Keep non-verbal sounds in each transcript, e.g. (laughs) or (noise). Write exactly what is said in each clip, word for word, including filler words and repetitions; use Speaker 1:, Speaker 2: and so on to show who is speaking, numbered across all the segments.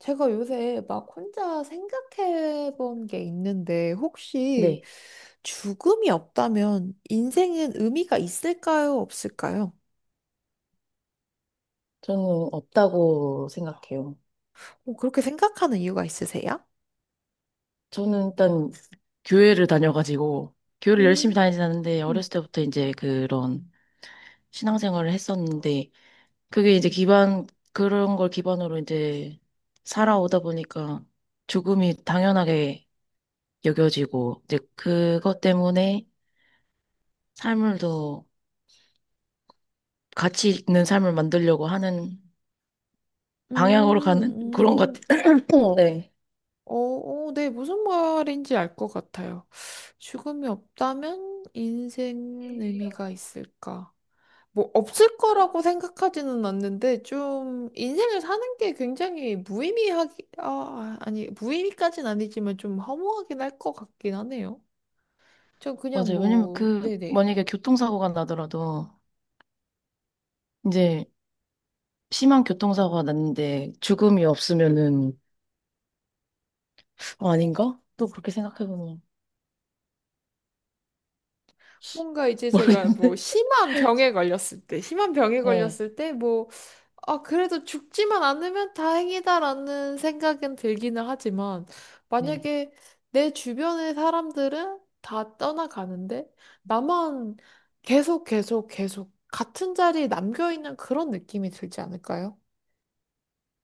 Speaker 1: 제가 요새 막 혼자 생각해 본 게 있는데, 혹시
Speaker 2: 네,
Speaker 1: 죽음이 없다면 인생은 의미가 있을까요? 없을까요?
Speaker 2: 저는 없다고 생각해요.
Speaker 1: 뭐 그렇게 생각하는 이유가 있으세요?
Speaker 2: 저는 일단 교회를 다녀가지고, 교회를 열심히
Speaker 1: 음,
Speaker 2: 다니진 않는데,
Speaker 1: 음,
Speaker 2: 어렸을 때부터 이제 그런 신앙생활을 했었는데, 그게 이제 기반, 그런 걸 기반으로 이제 살아오다 보니까 죽음이 당연하게 여겨지고, 이제 그것 때문에 삶을 더 가치 있는 삶을 만들려고 하는 방향으로 가는 (laughs) 그런 것
Speaker 1: 음,
Speaker 2: 같아요. (clears throat) 네.
Speaker 1: 어, 어, 네, 무슨 말인지 알 것 같아요. 죽음이 없다면 인생 의미가 있을까? 뭐 없을 거라고 생각하지는 않는데 좀 인생을 사는 게 굉장히 무의미하기 아 아니 무의미까진 아니지만 좀 허무하긴 할 것 같긴 하네요. 전 그냥
Speaker 2: 맞아요. 왜냐면
Speaker 1: 뭐
Speaker 2: 그,
Speaker 1: 네네.
Speaker 2: 만약에 교통사고가 나더라도, 이제 심한 교통사고가 났는데 죽음이 없으면은 어, 아닌가? 또 그렇게 생각해보면
Speaker 1: 뭔가 이제 제가 뭐
Speaker 2: 모르겠네. (laughs)
Speaker 1: 심한 병에 걸렸을 때 심한 병에
Speaker 2: 네.
Speaker 1: 걸렸을 때뭐 아, 그래도 죽지만 않으면 다행이다라는 생각은 들기는 하지만,
Speaker 2: 네.
Speaker 1: 만약에 내 주변의 사람들은 다 떠나가는데, 나만 계속 계속 계속 같은 자리에 남겨있는 그런 느낌이 들지 않을까요?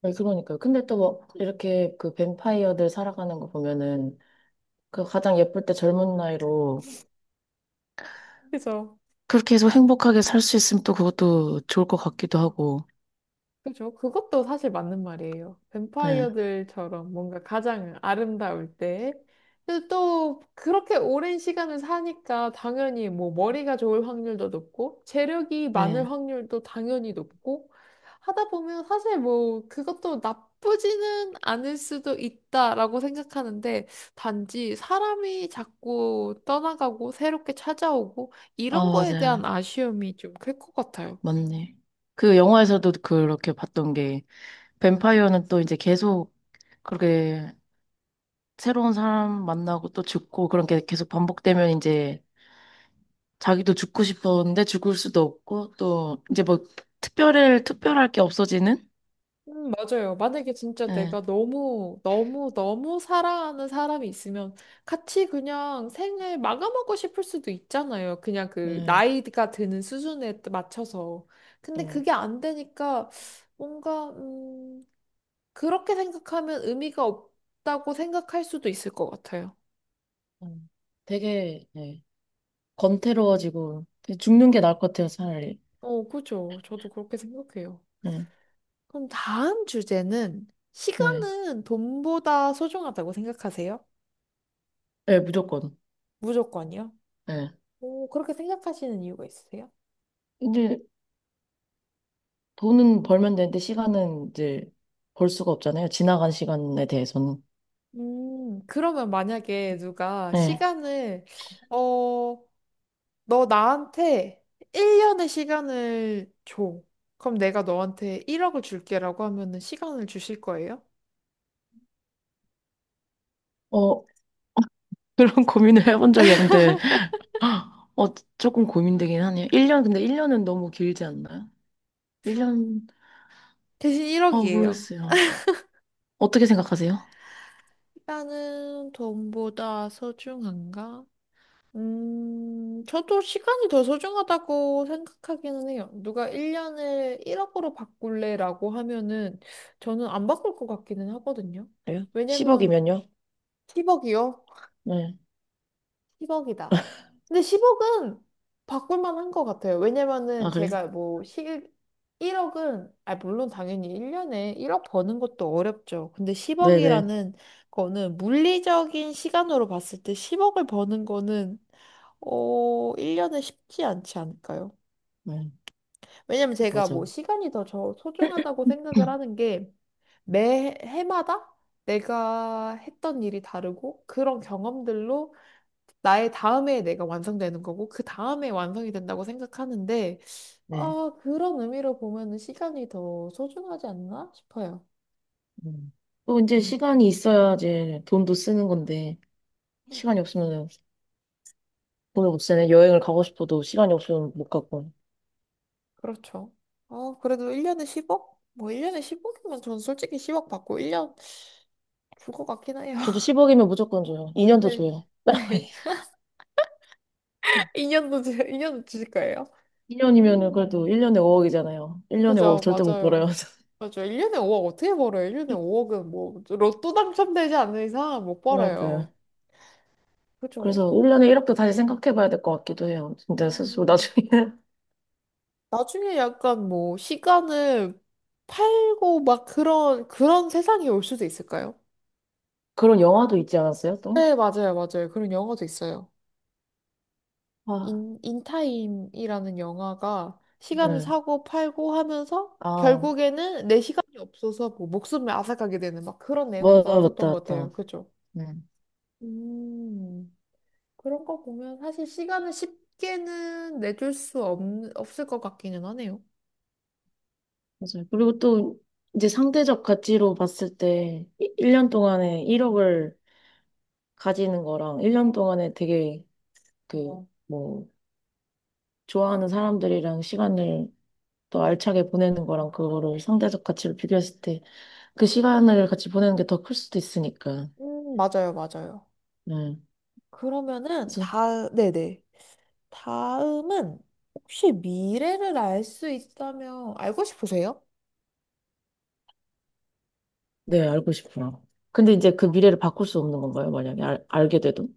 Speaker 2: 네, 그러니까요. 근데 또 뭐 이렇게 그 뱀파이어들 살아가는 거 보면은 그 가장 예쁠 때 젊은 나이로
Speaker 1: 그죠?
Speaker 2: 그렇게 해서 행복하게 살 수 있으면 또 그것도 좋을 것 같기도 하고.
Speaker 1: 그죠? 그것도 사실 맞는 말이에요.
Speaker 2: 네.
Speaker 1: 뱀파이어들처럼 뭔가 가장 아름다울 때. 근데 또 그렇게 오랜 시간을 사니까 당연히 뭐 머리가 좋을 확률도 높고 재력이
Speaker 2: 네.
Speaker 1: 많을 확률도 당연히 높고 하다 보면 사실 뭐 그것도 나쁘지는 않을 수도 있다라고 생각하는데 단지 사람이 자꾸 떠나가고 새롭게 찾아오고
Speaker 2: 아,
Speaker 1: 이런 거에
Speaker 2: 맞아요.
Speaker 1: 대한 아쉬움이 좀 클 것 같아요.
Speaker 2: 맞네. 그 영화에서도 그렇게 봤던 게 뱀파이어는 또 이제 계속 그렇게 새로운 사람 만나고 또 죽고 그런 게 계속 반복되면 이제 자기도 죽고 싶었는데 죽을 수도 없고 또 이제 뭐 특별할 특별할 게 없어지는
Speaker 1: 음, 맞아요. 만약에 진짜
Speaker 2: 예,
Speaker 1: 내가 너무, 너무, 너무 사랑하는 사람이 있으면 같이 그냥 생을 마감하고 싶을 수도 있잖아요. 그냥 그
Speaker 2: 예,
Speaker 1: 나이가 드는 수준에 따- 맞춰서. 근데
Speaker 2: 또,
Speaker 1: 그게 안 되니까 뭔가, 음, 그렇게 생각하면 의미가 없다고 생각할 수도 있을 것 같아요.
Speaker 2: 음, 되게, 예, 건태로워지고, 되게 죽는 게 나을 것 같아요, 차라리.
Speaker 1: 어, 그죠. 저도 그렇게 생각해요.
Speaker 2: 예,
Speaker 1: 그럼 다음 주제는
Speaker 2: 예,
Speaker 1: 시간은 돈보다 소중하다고 생각하세요?
Speaker 2: 예, 무조건
Speaker 1: 무조건이요?
Speaker 2: 예.
Speaker 1: 오, 그렇게 생각하시는 이유가 있으세요?
Speaker 2: 이제 돈은 벌면 되는데 시간은 이제 벌 수가 없잖아요. 지나간 시간에 대해서는
Speaker 1: 음, 그러면 만약에 누가
Speaker 2: 예.
Speaker 1: 시간을, 어, 너 나한테 일 년의 시간을 줘. 그럼 내가 너한테 일억을 줄게라고 하면은 시간을 주실 거예요?
Speaker 2: 어 (laughs) 그런 고민을 해본 적이 없는데 아, 어, 조금 고민되긴 하네요. 일 년, 근데 일 년은 너무 길지 않나요? 일 년,
Speaker 1: 대신
Speaker 2: 아,
Speaker 1: 일억이에요.
Speaker 2: 모르겠어요. 어떻게 생각하세요?
Speaker 1: 시간은 돈보다 소중한가? 음, 저도 시간이 더 소중하다고 생각하기는 해요. 누가 일 년을 일억으로 바꿀래라고 하면은 저는 안 바꿀 것 같기는 하거든요.
Speaker 2: 그래요?
Speaker 1: 왜냐면
Speaker 2: 십억이면요?
Speaker 1: 십억이요?
Speaker 2: 네.
Speaker 1: 십억이다. 근데 십억은 바꿀 만한 것 같아요.
Speaker 2: 아,
Speaker 1: 왜냐면은
Speaker 2: 그래요?
Speaker 1: 제가 뭐 시, 일억은, 아, 물론 당연히 일 년에 일억 버는 것도 어렵죠. 근데
Speaker 2: 네네.
Speaker 1: 십억이라는 거는 물리적인 시간으로 봤을 때 십억을 버는 거는 어, 일 년은 쉽지 않지 않을까요?
Speaker 2: 네,
Speaker 1: 왜냐면 제가 뭐
Speaker 2: 맞아요.
Speaker 1: 시간이 더 저 소중하다고 생각을 하는 게 매 해마다 내가 했던 일이 다르고 그런 경험들로 나의 다음에 내가 완성되는 거고 그 다음에 완성이 된다고 생각하는데
Speaker 2: 네.
Speaker 1: 아, 그런 의미로 보면은 시간이 더 소중하지 않나 싶어요.
Speaker 2: 음. 또 이제 시간이 있어야지 돈도 쓰는 건데, 시간이 없으면 돈을 못 쓰네. 여행을 가고 싶어도 시간이 없으면 못 가고.
Speaker 1: 그렇죠. 어, 그래도 일 년에 십억? 뭐 일 년에 십억이면 전 솔직히 십억 받고 일 년 줄 것 같긴 해요.
Speaker 2: 저도
Speaker 1: (laughs)
Speaker 2: 십억이면 무조건 줘요. 이 년도
Speaker 1: 네.
Speaker 2: 줘요.
Speaker 1: (laughs)
Speaker 2: (laughs)
Speaker 1: 이 년도, 이 년도 (laughs) 주실 거예요?
Speaker 2: 이 년이면은 그래도
Speaker 1: 음,
Speaker 2: 일 년에 오억이잖아요. 일 년에 오억
Speaker 1: 그죠,
Speaker 2: 절대 못 벌어요.
Speaker 1: 맞아요. 맞아요. 일 년에 오억 어떻게 벌어요? 일 년에
Speaker 2: (laughs)
Speaker 1: 오억은 뭐, 로또 당첨되지 않는 이상 못
Speaker 2: 그러니까요.
Speaker 1: 벌어요. 그죠?
Speaker 2: 그래서 올년에 일억도 다시 생각해 봐야 될 것 같기도 해요. 진짜 스스로
Speaker 1: 음.
Speaker 2: 나중에. (laughs)
Speaker 1: 나중에 약간 뭐, 시간을 팔고 막 그런, 그런 세상이 올 수도 있을까요?
Speaker 2: 그런 영화도 있지 않았어요, 또?
Speaker 1: 네, 맞아요, 맞아요. 그런 영화도 있어요.
Speaker 2: 아,
Speaker 1: 인, 인타임이라는 영화가 시간을
Speaker 2: 네.
Speaker 1: 사고 팔고 하면서
Speaker 2: 아,
Speaker 1: 결국에는 내 시간이 없어서 뭐 목숨을 앗아가게 되는 막 그런 내용도
Speaker 2: 맞다, 맞다,
Speaker 1: 나왔었던 것
Speaker 2: 맞다.
Speaker 1: 같아요. 그죠?
Speaker 2: 네.
Speaker 1: 음, 그런 거 보면 사실 시간을 쉽게는 내줄 수 없, 없을 것 같기는 하네요.
Speaker 2: 맞아요. 그리고 또, 이제 상대적 가치로 봤을 때, 일 년 동안에 일억을 가지는 거랑, 일 년 동안에 되게, 그, 뭐, 좋아하는 사람들이랑 시간을 또 알차게 보내는 거랑, 그거를 상대적 가치로 비교했을 때, 그 시간을 같이 보내는 게 더 클 수도 있으니까.
Speaker 1: 음, 맞아요, 맞아요.
Speaker 2: 네.
Speaker 1: 그러면은
Speaker 2: 그래서
Speaker 1: 다, 네네. 다음은 혹시 미래를 알 수 있다면 알고 싶으세요?
Speaker 2: 네, 알고 싶어요. 근데 이제 그 미래를 바꿀 수 없는 건가요? 만약에 알, 알게 돼도?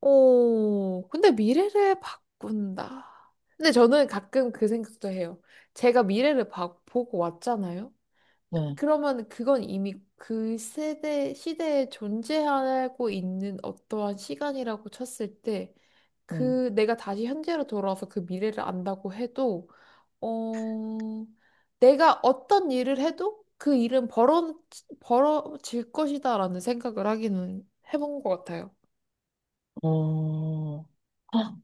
Speaker 1: 오, 근데 미래를 바꾼다. 근데 저는 가끔 그 생각도 해요. 제가 미래를 봐- 보고 왔잖아요.
Speaker 2: 네,
Speaker 1: 그러면 그건 이미 그 세대, 시대에 존재하고 있는 어떠한 시간이라고 쳤을 때,
Speaker 2: 네.
Speaker 1: 그 내가 다시 현재로 돌아와서 그 미래를 안다고 해도, 어, 내가 어떤 일을 해도 그 일은 벌어, 벌어질 것이다라는 생각을 하기는 해본 것 같아요.
Speaker 2: 어, 아,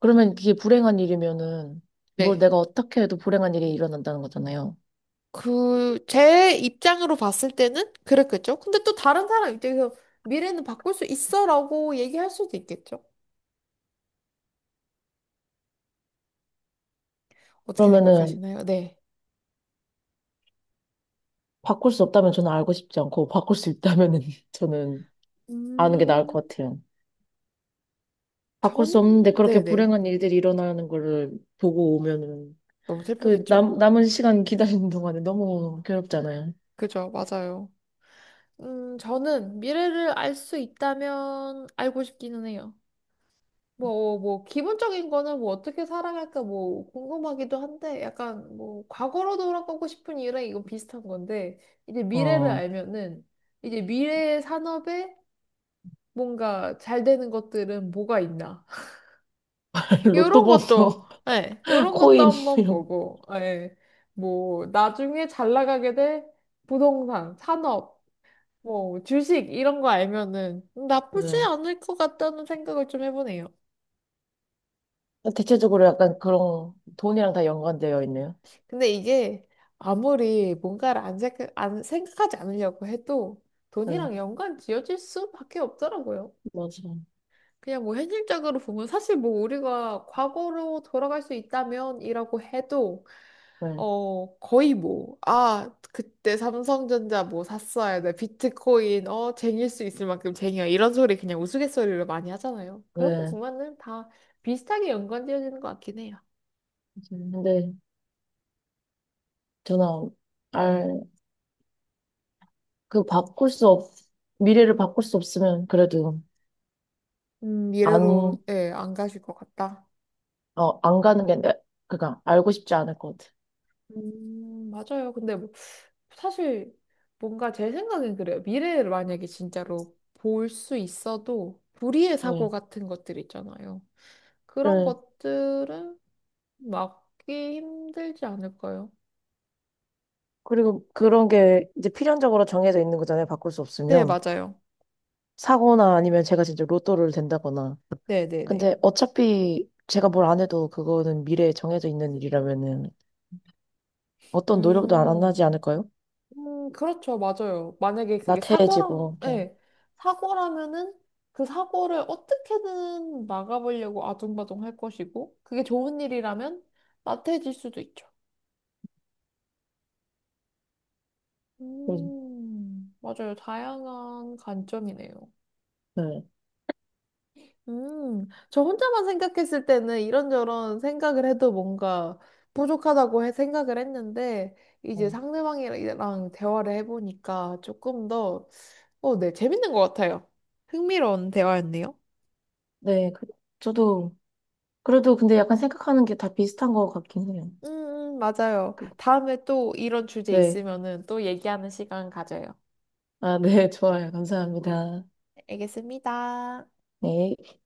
Speaker 2: 그러면 그게 불행한 일이면은 뭘
Speaker 1: 네.
Speaker 2: 내가 어떻게 해도 불행한 일이 일어난다는 거잖아요.
Speaker 1: 그, 제 입장으로 봤을 때는 그랬겠죠. 근데 또 다른 사람 입장에서 미래는 바꿀 수 있어라고 얘기할 수도 있겠죠. 어떻게
Speaker 2: 그러면은
Speaker 1: 생각하시나요? 네.
Speaker 2: 바꿀 수 없다면 저는 알고 싶지 않고 바꿀 수 있다면은 (laughs) 저는 아는 게 나을
Speaker 1: 음,
Speaker 2: 것 같아요. 바꿀 수 없는데
Speaker 1: 저는,
Speaker 2: 그렇게
Speaker 1: 네네.
Speaker 2: 불행한 일들이 일어나는 거를 보고 오면은
Speaker 1: 너무
Speaker 2: 그
Speaker 1: 슬프겠죠?
Speaker 2: 남, 남은 시간 기다리는 동안에 너무 괴롭잖아요.
Speaker 1: 그죠, 맞아요. 음, 저는 미래를 알 수 있다면 알고 싶기는 해요. 뭐, 뭐, 기본적인 거는 뭐 어떻게 살아갈까 뭐 궁금하기도 한데 약간 뭐 과거로 돌아가고 싶은 이유랑 이건 비슷한 건데 이제 미래를
Speaker 2: 어,
Speaker 1: 알면은 이제 미래의 산업에 뭔가 잘 되는 것들은 뭐가 있나. (laughs)
Speaker 2: (laughs) 로또
Speaker 1: 요런 것도,
Speaker 2: 번호,
Speaker 1: 예,
Speaker 2: (laughs)
Speaker 1: 요런 것도
Speaker 2: 코인
Speaker 1: 한번
Speaker 2: 이런
Speaker 1: 보고, 예, 뭐 나중에 잘 나가게 될 부동산, 산업, 뭐 주식 이런 거 알면은 나쁘지
Speaker 2: 거.
Speaker 1: 않을 것 같다는 생각을 좀 해보네요.
Speaker 2: 대체적으로 약간 그런 돈이랑 다 연관되어 있네요.
Speaker 1: 근데 이게 아무리 뭔가를 안 생각, 안 생각하지 않으려고 해도
Speaker 2: 네,
Speaker 1: 돈이랑 연관 지어질 수밖에 없더라고요.
Speaker 2: 맞아.
Speaker 1: 그냥 뭐 현실적으로 보면 사실 뭐 우리가 과거로 돌아갈 수 있다면이라고 해도
Speaker 2: 네,
Speaker 1: 어 거의 뭐 아 그때 삼성전자 뭐 샀어야 돼 비트코인 어 쟁일 수 있을 만큼 쟁여 이런 소리 그냥 우스갯소리로 많이 하잖아요. 그런 거
Speaker 2: 네.
Speaker 1: 보면은 다 비슷하게 연관 지어지는 것 같긴 해요.
Speaker 2: 근데 저는 알, 그 바꿀 수 없, 미래를 바꿀 수 없으면 그래도
Speaker 1: 음
Speaker 2: 안,
Speaker 1: 미래로
Speaker 2: 어,
Speaker 1: 예안 가실 것 같다.
Speaker 2: 안 가는 게, 내- 그니까 알고 싶지 않을 것 같아.
Speaker 1: 음, 맞아요. 근데 뭐, 사실 뭔가 제 생각엔 그래요. 미래를 만약에 진짜로 볼 수 있어도 불의의 사고
Speaker 2: 네.
Speaker 1: 같은 것들 있잖아요. 그런
Speaker 2: 네.
Speaker 1: 것들은 막기 힘들지 않을까요?
Speaker 2: 그리고 그런 게 이제 필연적으로 정해져 있는 거잖아요. 바꿀 수
Speaker 1: 네,
Speaker 2: 없으면.
Speaker 1: 맞아요.
Speaker 2: 사고나 아니면 제가 진짜 로또를 된다거나.
Speaker 1: 네, 네, 네.
Speaker 2: 근데 어차피 제가 뭘 안 해도 그거는 미래에 정해져 있는 일이라면은 어떤 노력도 안 하지
Speaker 1: 음,
Speaker 2: 않을까요?
Speaker 1: 음, 그렇죠. 맞아요. 만약에 그게 사고라면,
Speaker 2: 나태해지고 좀.
Speaker 1: 네, 사고라면은 그 사고를 어떻게든 막아보려고 아둥바둥 할 것이고, 그게 좋은 일이라면 나태해질 수도 있죠.
Speaker 2: 음,
Speaker 1: 음, 맞아요. 다양한 관점이네요.
Speaker 2: 네.
Speaker 1: 음, 저 혼자만 생각했을 때는 이런저런 생각을 해도 뭔가 부족하다고 해- 생각을 했는데, 이제
Speaker 2: 어.
Speaker 1: 상대방이랑 대화를 해보니까 조금 더, 어, 네, 재밌는 것 같아요. 흥미로운 대화였네요.
Speaker 2: 네, 그, 저도 그래도 근데 약간 생각하는 게 다 비슷한 것 같긴 해요.
Speaker 1: 음, 음, 맞아요.
Speaker 2: 그,
Speaker 1: 다음에 또 이런 주제
Speaker 2: 네,
Speaker 1: 있으면은 또 얘기하는 시간 가져요.
Speaker 2: 아, 네, (laughs) 좋아요. 감사합니다.
Speaker 1: 알겠습니다.
Speaker 2: 네.